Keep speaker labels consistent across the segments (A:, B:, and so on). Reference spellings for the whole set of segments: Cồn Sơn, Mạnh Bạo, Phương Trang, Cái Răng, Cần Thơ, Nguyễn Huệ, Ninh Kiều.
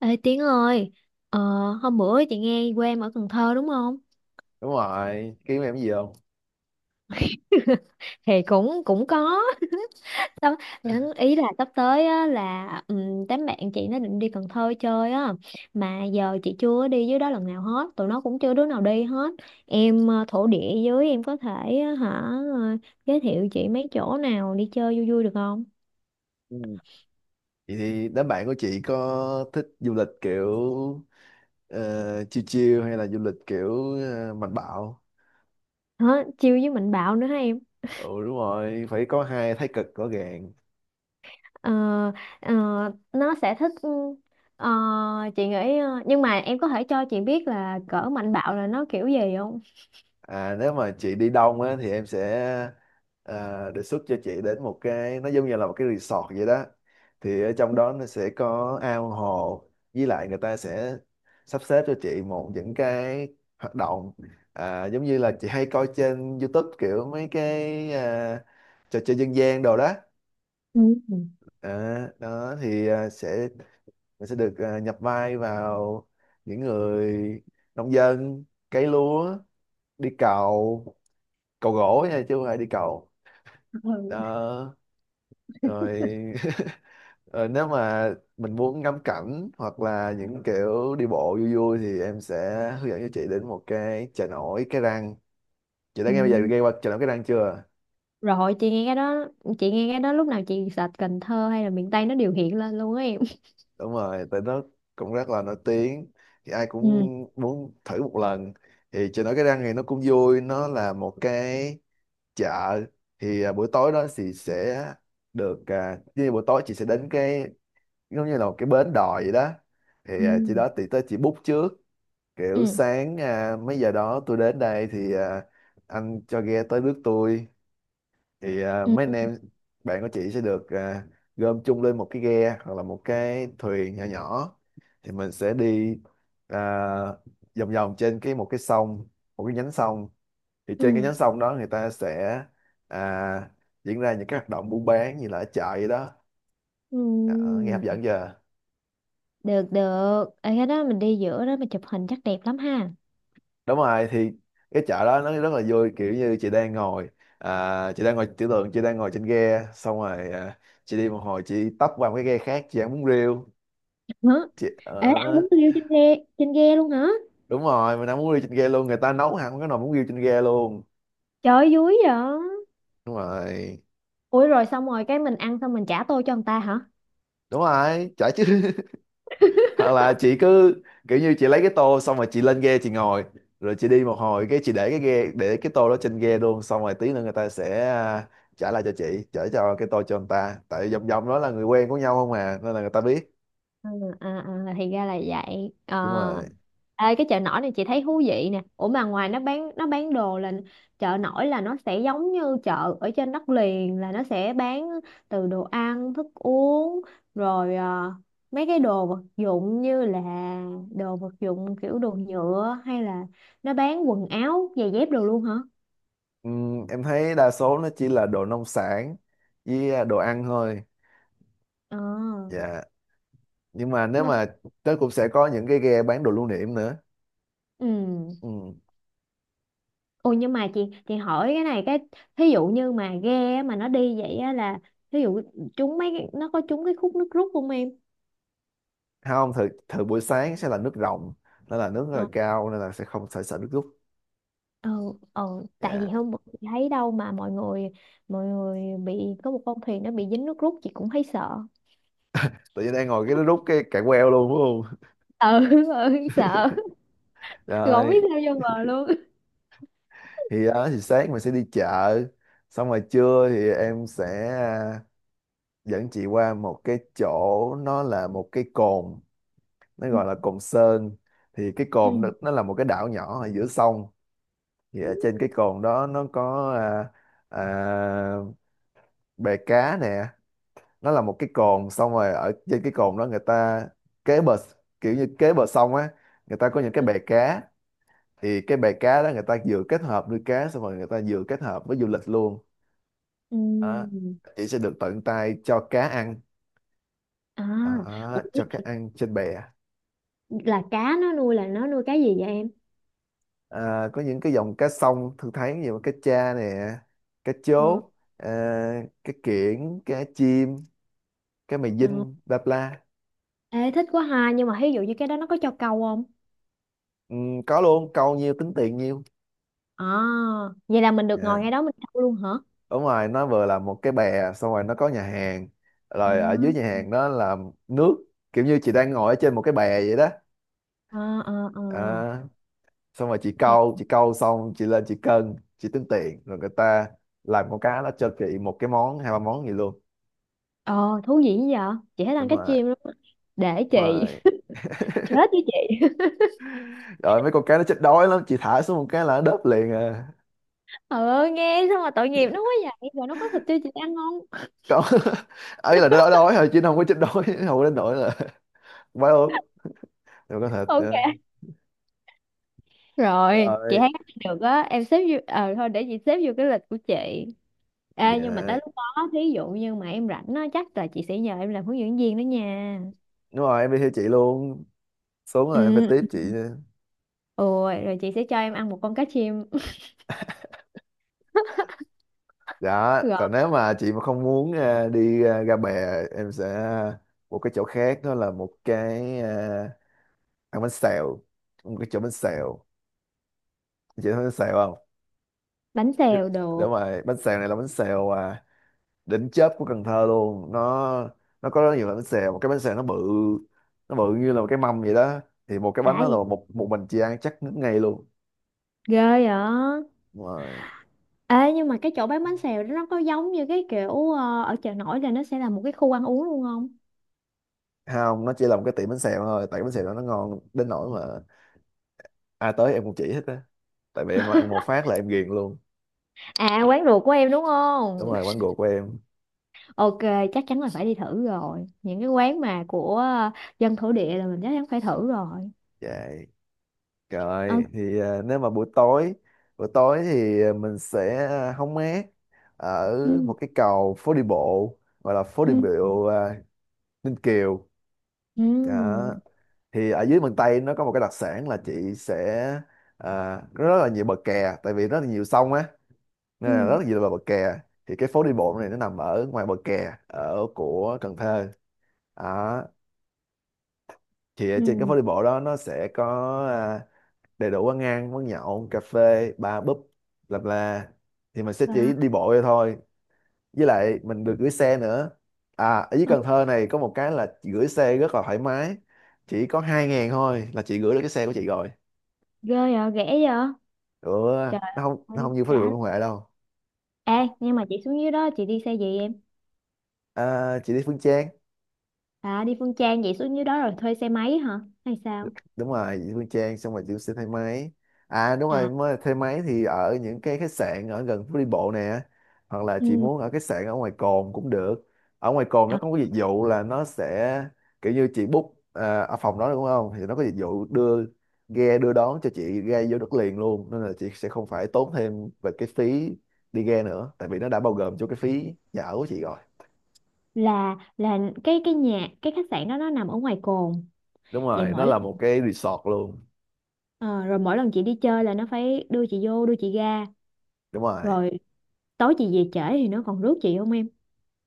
A: Ê Tiến ơi, ờ, hôm bữa chị nghe quê em ở Cần Thơ đúng không?
B: Đúng rồi, kiếm em cái gì không?
A: Thì cũng cũng có. Sắp- Ý là sắp tới á, là đám bạn chị nó định đi Cần Thơ chơi á, mà giờ chị chưa đi dưới đó lần nào hết, tụi nó cũng chưa đứa nào đi hết. Em thổ địa dưới em có thể á, hả ờ, giới thiệu chị mấy chỗ nào đi chơi vui vui được không?
B: Ừ, vậy thì đám bạn của chị có thích du lịch kiểu ờ, chill chill hay là du lịch kiểu mạnh bạo?
A: Hả? Chiêu với Mạnh Bạo nữa hả em?
B: Ừ, đúng rồi, phải có hai thái cực rõ ràng.
A: Ờ, ờ, nó sẽ thích ờ, chị nghĩ nhưng mà em có thể cho chị biết là cỡ mạnh bạo là nó kiểu gì không?
B: Nếu mà chị đi đông á thì em sẽ đề xuất cho chị đến một cái nó giống như là một cái resort vậy đó. Thì ở trong đó nó sẽ có ao hồ, với lại người ta sẽ sắp xếp cho chị một những cái hoạt động, giống như là chị hay coi trên YouTube kiểu mấy cái trò chơi dân gian đồ đó.
A: Ừ.
B: Đó thì sẽ mình sẽ được nhập vai vào những người nông dân, cấy lúa, đi cày, cầu gỗ nha chứ không phải đi cầu.
A: Ừ.
B: Đó rồi. Ờ, nếu mà mình muốn ngắm cảnh hoặc là những kiểu đi bộ vui vui thì em sẽ hướng dẫn cho chị đến một cái chợ nổi Cái Răng. Chị đã
A: Ừ.
B: nghe bây giờ nghe qua chợ nổi Cái Răng chưa?
A: Rồi chị nghe cái đó chị nghe cái đó lúc nào chị search Cần Thơ hay là miền Tây nó đều hiện lên luôn á em.
B: Đúng rồi, tại nó cũng rất là nổi tiếng. Thì ai cũng
A: Ừ.
B: muốn thử một lần. Thì chợ nổi Cái Răng thì nó cũng vui, nó là một cái chợ. Thì buổi tối đó thì sẽ được như buổi tối chị sẽ đến cái giống như là một cái bến đò vậy đó.
A: Ừ.
B: Thì chị đó thì tới chị book trước, kiểu
A: Ừ.
B: sáng mấy giờ đó tôi đến đây thì anh cho ghe tới rước tôi. Thì mấy anh
A: Ừ.
B: em bạn của chị sẽ được gom chung lên một cái ghe hoặc là một cái thuyền nhỏ nhỏ. Thì mình sẽ đi à, vòng vòng trên cái một cái sông, một cái nhánh sông. Thì trên cái
A: Ừ.
B: nhánh sông đó người ta sẽ à, diễn ra những cái hoạt động buôn bán như là ở chợ vậy đó.
A: Ừ.
B: Ờ, nghe hấp dẫn chưa?
A: Được được. Ở cái đó mình đi giữa đó mình chụp hình chắc đẹp lắm ha.
B: Đúng rồi, thì cái chợ đó nó rất là vui, kiểu như chị đang ngồi chị đang ngồi tưởng tượng chị đang ngồi trên ghe, xong rồi chị đi một hồi chị tấp qua một cái ghe khác chị ăn bún riêu.
A: Hả?
B: Chị
A: Ê ăn
B: ở.
A: bún riêu trên ghe luôn hả?
B: Đúng rồi, mình ăn bún riêu trên ghe luôn, người ta nấu hẳn cái nồi bún riêu trên ghe luôn.
A: Trời ơi, vui vậy.
B: Đúng rồi.
A: Ủa rồi xong rồi cái mình ăn xong mình trả tô cho người ta hả?
B: Đúng rồi, chợ chứ. Hoặc là chị cứ kiểu như chị lấy cái tô xong rồi chị lên ghe chị ngồi, rồi chị đi một hồi cái chị để cái ghe, để cái tô đó trên ghe luôn, xong rồi tí nữa người ta sẽ trả lại cho chị, trả cho cái tô cho người ta, tại vòng vòng đó là người quen của nhau không à, nên là người ta biết.
A: À, à, à, thì ra là vậy. Ờ.
B: Đúng rồi.
A: Ê, cái chợ nổi này chị thấy thú vị nè. Ủa mà ngoài nó bán đồ là chợ nổi là nó sẽ giống như chợ ở trên đất liền là nó sẽ bán từ đồ ăn, thức uống rồi mấy cái đồ vật dụng như là đồ vật dụng kiểu đồ nhựa hay là nó bán quần áo, giày dép đồ luôn hả?
B: Em thấy đa số nó chỉ là đồ nông sản với đồ ăn thôi.
A: Ờ.
B: Dạ. Nhưng mà nếu
A: Nó
B: mà nó cũng sẽ có những cái ghe bán đồ lưu niệm nữa.
A: ừ.
B: Ừm.
A: Ồ nhưng mà chị hỏi cái này cái thí dụ như mà ghe á, mà nó đi vậy á là thí dụ nó có trúng cái khúc nước rút không em?
B: Không, thời thời buổi sáng sẽ là nước rồng, nó là nước rất là
A: Ờ
B: cao nên là sẽ không phải sợ nước rút.
A: ờ ờ, tại vì
B: Dạ.
A: hôm bữa chị thấy đâu mà mọi người bị có một con thuyền nó bị dính nước rút chị cũng thấy sợ.
B: Tự nhiên đang ngồi cái nó rút cái cạn queo luôn đúng không?
A: Ờ ừ, sợ Rồi không biết
B: Rồi
A: sao vô bờ luôn.
B: thì đó thì sáng mình sẽ đi chợ, xong rồi trưa thì em sẽ à, dẫn chị qua một cái chỗ, nó là một cái cồn, nó
A: Ừ
B: gọi là cồn Sơn. Thì cái
A: ừ
B: cồn nó là một cái đảo nhỏ ở giữa sông. Thì
A: ừ.
B: ở trên cái cồn đó nó có à, bè cá nè. Nó là một cái cồn, xong rồi ở trên cái cồn đó người ta kế bờ, kiểu như kế bờ sông á, người ta có những cái
A: Ừ.
B: bè cá. Thì cái bè cá đó người ta vừa kết hợp nuôi cá, xong rồi người ta vừa kết hợp với du lịch luôn
A: Ừ.
B: đó. Chị sẽ được tận tay cho cá ăn
A: À, ủa,
B: đó, cho cá
A: cái-
B: ăn trên bè.
A: là cá nó nuôi là nó nuôi cá gì vậy em?
B: Có những cái dòng cá sông thường thấy như cá cha nè, cá
A: Ờ,
B: chốt, à, cá kiển, cá chim, cá mè
A: ờ.
B: dinh, bla bla.
A: Ê, thích quá ha nhưng mà ví dụ như cái đó nó có cho câu không?
B: Ừ, có luôn, câu nhiêu tính tiền nhiêu.
A: À, vậy là mình được ngồi ngay
B: Dạ.
A: đó mình thâu luôn hả?
B: Đúng rồi, nó vừa là một cái bè, xong rồi nó có nhà hàng,
A: À,
B: rồi ở dưới nhà hàng đó là nước, kiểu như chị đang ngồi ở trên một cái bè vậy đó.
A: à, à, à.
B: À, Xong rồi chị
A: Thế,
B: câu, chị câu xong chị lên chị cân chị tính tiền, rồi người ta làm con cá, nó cho chị một cái món hai ba món gì luôn.
A: ờ, thú vị dữ vậy? Chị thích
B: Đúng
A: ăn cá
B: rồi.
A: chim lắm á. Để
B: Đúng
A: chị.
B: rồi,
A: Chết với chị.
B: rồi mấy con cá nó chết đói lắm, chị thả xuống một cái là nó đớp liền à.
A: Ờ, nghe sao mà tội nghiệp nó quá vậy? Rồi nó có thịt tiêu chị ăn không?
B: Có. Ấy là nó đói đói thôi chứ nó không có chết đói, không đến nỗi là quá ốm. Rồi, có thật
A: Ok.
B: trời
A: Rồi, chị
B: ơi.
A: thấy cách này được á. Em xếp vô... Ờ, thôi để chị xếp vô cái lịch của chị. Ê, nhưng mà
B: Dạ,
A: tới lúc đó, thí dụ như mà em rảnh á, chắc là chị sẽ nhờ em làm hướng dẫn viên đó nha.
B: đúng rồi em đi theo chị luôn, xuống là em phải
A: Ừ.
B: tiếp chị.
A: Ôi, rồi chị sẽ cho em ăn một con cá chim.
B: Dạ,
A: Rồi,
B: còn nếu mà chị mà không muốn đi ra bè, em sẽ một cái chỗ khác, đó là một cái ăn bánh xèo, một cái chỗ bánh xèo. Chị thấy bánh xèo không?
A: bánh xèo được.
B: Đúng rồi, bánh xèo này là bánh xèo đỉnh chớp của Cần Thơ luôn. Nó có rất nhiều loại bánh xèo, một cái bánh xèo nó bự, nó bự như là một cái mâm vậy đó. Thì một cái
A: Đã
B: bánh đó là
A: gì
B: một một mình chị ăn chắc ngất ngay luôn.
A: ghê vậy.
B: Đúng rồi.
A: Ê nhưng mà cái chỗ bán bánh xèo đó nó có giống như cái kiểu ở chợ nổi là nó sẽ là một cái khu ăn uống luôn không?
B: Không, nó chỉ là một cái tiệm bánh xèo thôi, tại cái bánh xèo đó nó ngon đến nỗi mà ai tới em cũng chỉ hết á, tại vì em ăn một phát là em ghiền luôn.
A: À quán ruột của em đúng
B: Đúng
A: không?
B: rồi, quán ruột của em.
A: Ok, chắc chắn là phải đi thử rồi những cái quán mà của dân thổ địa là mình chắc chắn phải thử rồi.
B: Dạ. Rồi
A: Ok.
B: thì nếu mà buổi tối, buổi tối thì mình sẽ hóng mát ở
A: Ừ.
B: một cái cầu phố đi bộ, gọi là phố đi
A: Ừ.
B: bộ Ninh Kiều đó.
A: Ừ.
B: Thì ở dưới miền Tây nó có một cái đặc sản là chị sẽ có rất là nhiều bờ kè, tại vì rất là nhiều sông á, nên
A: Ừ.
B: là rất là nhiều bờ bờ kè. Thì cái phố đi bộ này nó nằm ở ngoài bờ kè ở của Cần Thơ đó. Thì ở trên cái
A: Ừ.
B: phố đi bộ đó nó sẽ có ờ, đầy đủ quán ăn, quán nhậu, cà phê, bar, pub, bla bla. Thì mình sẽ
A: Và-
B: chỉ đi bộ ra thôi, với lại mình được gửi xe nữa. À, ở dưới
A: ừ,
B: Cần Thơ này có một cái là chị gửi xe rất là thoải mái, chỉ có 2.000 thôi là chị gửi được cái xe của chị rồi.
A: ghê vậy rẻ vậy.
B: Ừ,
A: Trời
B: nó không nó
A: ơi
B: không như phố đi bộ
A: đã.
B: Nguyễn Huệ đâu.
A: Ê nhưng mà chị xuống dưới đó chị đi xe gì em?
B: À, chị đi Phương Trang.
A: À đi Phương Trang vậy xuống dưới đó rồi thuê xe máy hả hay sao?
B: Đúng rồi, chị Phương Trang xong rồi chị sẽ thay máy. À, đúng rồi,
A: À,
B: mới thay máy thì ở những cái khách sạn ở gần phố đi bộ nè, hoặc là chị
A: ừ.
B: muốn ở khách sạn ở ngoài cồn cũng được. Ở ngoài cồn nó có cái dịch vụ là nó sẽ kiểu như chị book ở phòng đó đúng không, thì nó có dịch vụ đưa ghe đưa đón cho chị, ghe vô đất liền luôn, nên là chị sẽ không phải tốn thêm về cái phí đi ghe nữa, tại vì nó đã bao gồm cho cái phí nhà ở của chị rồi.
A: Là cái nhà cái khách sạn đó nó nằm ở ngoài cồn.
B: Đúng
A: Vậy
B: rồi, nó
A: mỗi
B: là
A: lần
B: một cái resort luôn.
A: ờ, rồi mỗi lần chị đi chơi là nó phải đưa chị vô đưa chị ra
B: Đúng rồi.
A: rồi tối chị về trễ thì nó còn rước chị không em?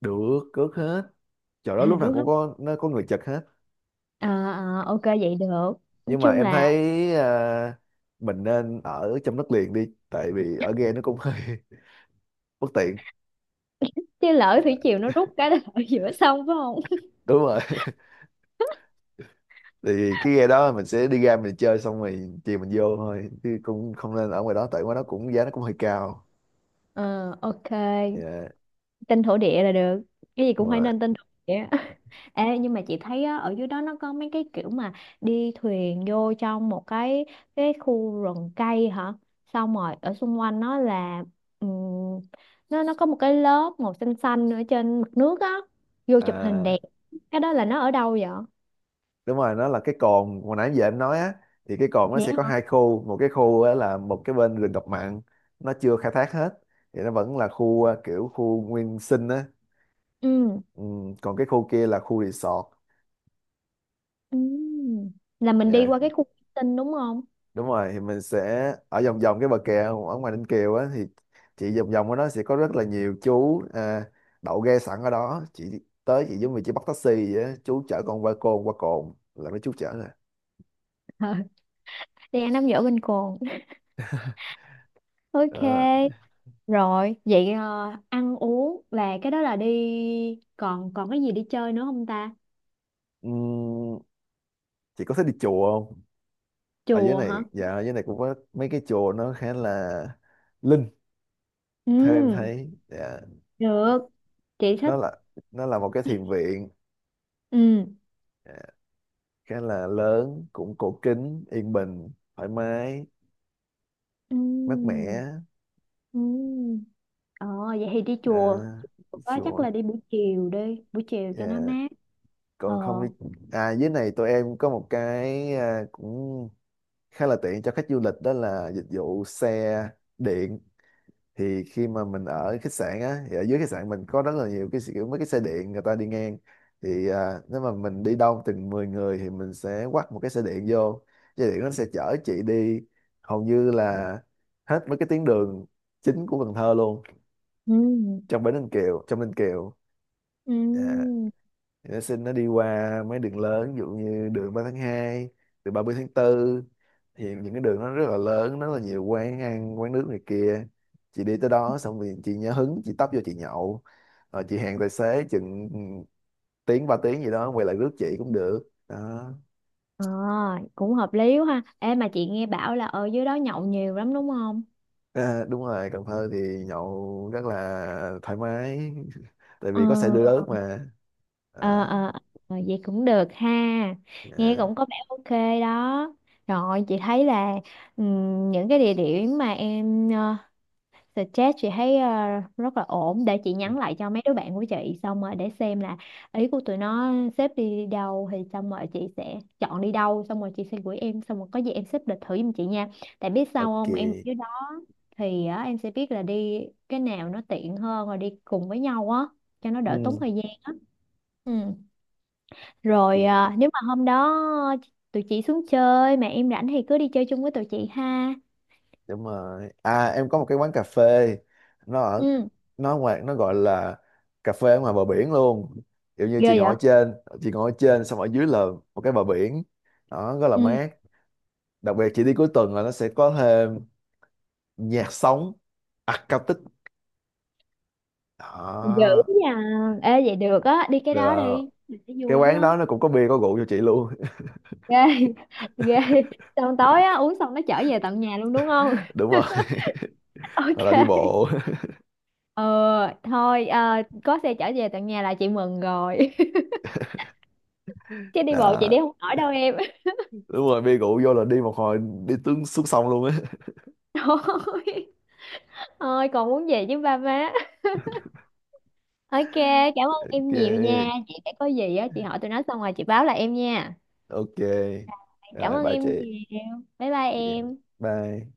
B: Được, cước hết. Chỗ đó
A: À
B: lúc nào
A: rước
B: cũng
A: không?
B: có, nó có người Nhật hết.
A: À, à, ok vậy được, nói
B: Nhưng mà
A: chung
B: em thấy
A: là
B: à, mình nên ở trong đất liền đi, tại vì ở ghe nó cũng hơi bất tiện.
A: chứ lỡ
B: Dạ,
A: thủy triều nó rút cái là ở giữa sông phải không?
B: đúng rồi. Thì cái ghe đó mình sẽ đi ra mình chơi xong rồi chiều mình vô thôi, chứ cũng không nên ở ngoài đó, tại ngoài đó cũng giá nó cũng hơi cao.
A: ờ ok.
B: Dạ.
A: Tin thổ địa là được, cái gì
B: Đúng
A: cũng phải
B: rồi.
A: nên tin thổ địa. Ê, nhưng mà chị thấy á, ở dưới đó nó có mấy cái kiểu mà đi thuyền vô trong một cái khu rừng cây hả xong rồi ở xung quanh nó là ừm, nó có một cái lớp màu xanh xanh ở trên mặt nước á, vô chụp hình
B: à,
A: đẹp. Cái đó là nó ở đâu vậy?
B: Đúng rồi, nó là cái cồn hồi nãy giờ em nói á. Thì cái cồn nó
A: Vậy
B: sẽ có
A: hả?
B: hai khu, một cái khu á, là một cái bên rừng ngập mặn, nó chưa khai thác hết, thì nó vẫn là khu kiểu khu nguyên sinh á.
A: Ừ.
B: Ừ, còn cái khu kia là khu resort.
A: Ừ. Là mình đi
B: Dạ,
A: qua cái khu tinh đúng không?
B: đúng rồi, thì mình sẽ ở vòng vòng cái bờ kè ở ngoài Ninh Kiều á, thì chị vòng vòng ở đó sẽ có rất là nhiều chú đậu ghe sẵn ở đó, chị tới chị giống như chị bắt taxi vậy á, chú chở con qua cồn, qua cồn là mấy chú chở nè.
A: Ờ, đi ăn nắm dở bên cồn ok.
B: Đó.
A: Rồi, vậy ăn uống là cái đó là đi còn còn cái gì đi chơi nữa không ta?
B: Ừm, chị có thích đi chùa không? Ở dưới
A: Chùa hả?
B: này, dạ, ở dưới này cũng có mấy cái chùa nó khá là linh theo em
A: Ừ,
B: thấy, dạ.
A: được. Chị thích.
B: Nó là nó là một cái thiền viện.
A: Ừ.
B: Dạ, khá là lớn, cũng cổ kính, yên bình, thoải mái,
A: Ừ.
B: mát mẻ.
A: Ừ. Ờ vậy thì đi chùa.
B: à,
A: Có chắc
B: Chùa.
A: là đi, buổi chiều cho nó
B: Dạ.
A: mát. Ờ.
B: Còn không biết, dưới này tụi em có một cái cũng khá là tiện cho khách du lịch, đó là dịch vụ xe điện. Thì khi mà mình ở khách sạn á thì ở dưới khách sạn mình có rất là nhiều cái kiểu mấy cái xe điện người ta đi ngang. Thì nếu mà mình đi đông từng 10 người thì mình sẽ quắt một cái xe điện vô. Xe điện nó sẽ chở chị đi hầu như là hết mấy cái tuyến đường chính của Cần Thơ luôn,
A: Ừ.
B: trong Bến Ninh Kiều, trong Ninh Kiều.
A: Ừ.
B: À. Thì nó xin nó đi qua mấy đường lớn, ví dụ như đường 3/2, đường 30/4. Thì những cái đường nó rất là lớn, rất là nhiều quán ăn, quán nước này kia, chị đi tới đó xong rồi chị nhớ hứng chị tấp vô chị nhậu, rồi chị hẹn tài xế chừng tiếng 3 tiếng gì đó quay lại rước chị cũng được đó.
A: Ờ, cũng hợp lý quá ha. Ê mà chị nghe bảo là ở dưới đó nhậu nhiều lắm đúng không?
B: Đúng rồi, Cần Thơ thì nhậu rất là thoải mái. Tại
A: Ờ.
B: vì có xe đưa rước mà. à,
A: Ờ, ờ, vậy cũng được ha, nghe
B: à,
A: cũng có vẻ ok đó. Rồi chị thấy là những cái địa điểm mà em suggest chị thấy rất là ổn để chị nhắn lại cho mấy đứa bạn của chị xong rồi để xem là ý của tụi nó xếp đi đâu thì xong rồi chị sẽ chọn đi đâu xong rồi chị sẽ gửi em xong rồi có gì em xếp lịch thử giùm chị nha, tại biết sao
B: ok.
A: không em ở dưới đó thì á, em sẽ biết là đi cái nào nó tiện hơn rồi đi cùng với nhau á cho nó đỡ tốn
B: Ừ,
A: thời gian á. Ừ. Rồi
B: ok.
A: à, nếu mà hôm đó tụi chị xuống chơi mà em rảnh thì cứ đi chơi chung với tụi chị ha.
B: Đúng rồi, em có một cái quán cà phê, nó ở,
A: Ừ,
B: nó ngoài, nó gọi là cà phê ở ngoài bờ biển luôn, kiểu như
A: ghê
B: chị ngồi
A: vậy?
B: ở trên, chị ngồi ở trên xong ở dưới là một cái bờ biển đó rất là
A: Ừ,
B: mát. Đặc biệt chị đi cuối tuần là nó sẽ có thêm nhạc sống acoustic
A: dữ
B: đó.
A: nha. Ê vậy được á, đi cái đó
B: Được,
A: đi. Mình thấy
B: cái
A: vui lắm
B: quán
A: á.
B: đó nó cũng có bia có rượu cho chị luôn.
A: Ghê, ghê. Xong tối á, uống xong nó chở về tận nhà luôn đúng không?
B: Đúng rồi. Hoặc là đi
A: Ok.
B: bộ.
A: Ờ, thôi à, có xe chở về tận nhà là chị mừng rồi. Chứ đi bộ chị
B: Đó,
A: đi không nổi đâu em.
B: đúng rồi, bia rượu vô là đi một hồi đi tướng xuống sông luôn á.
A: Thôi. Thôi còn muốn về với ba má. Ok, cảm ơn em nhiều nha.
B: Ok,
A: Chị sẽ có gì á, chị hỏi tụi nó xong rồi chị báo lại em nha.
B: ok
A: Cảm
B: rồi,
A: ơn
B: bye
A: em
B: chị.
A: nhiều. Bye bye
B: Yeah.
A: em.
B: Bye.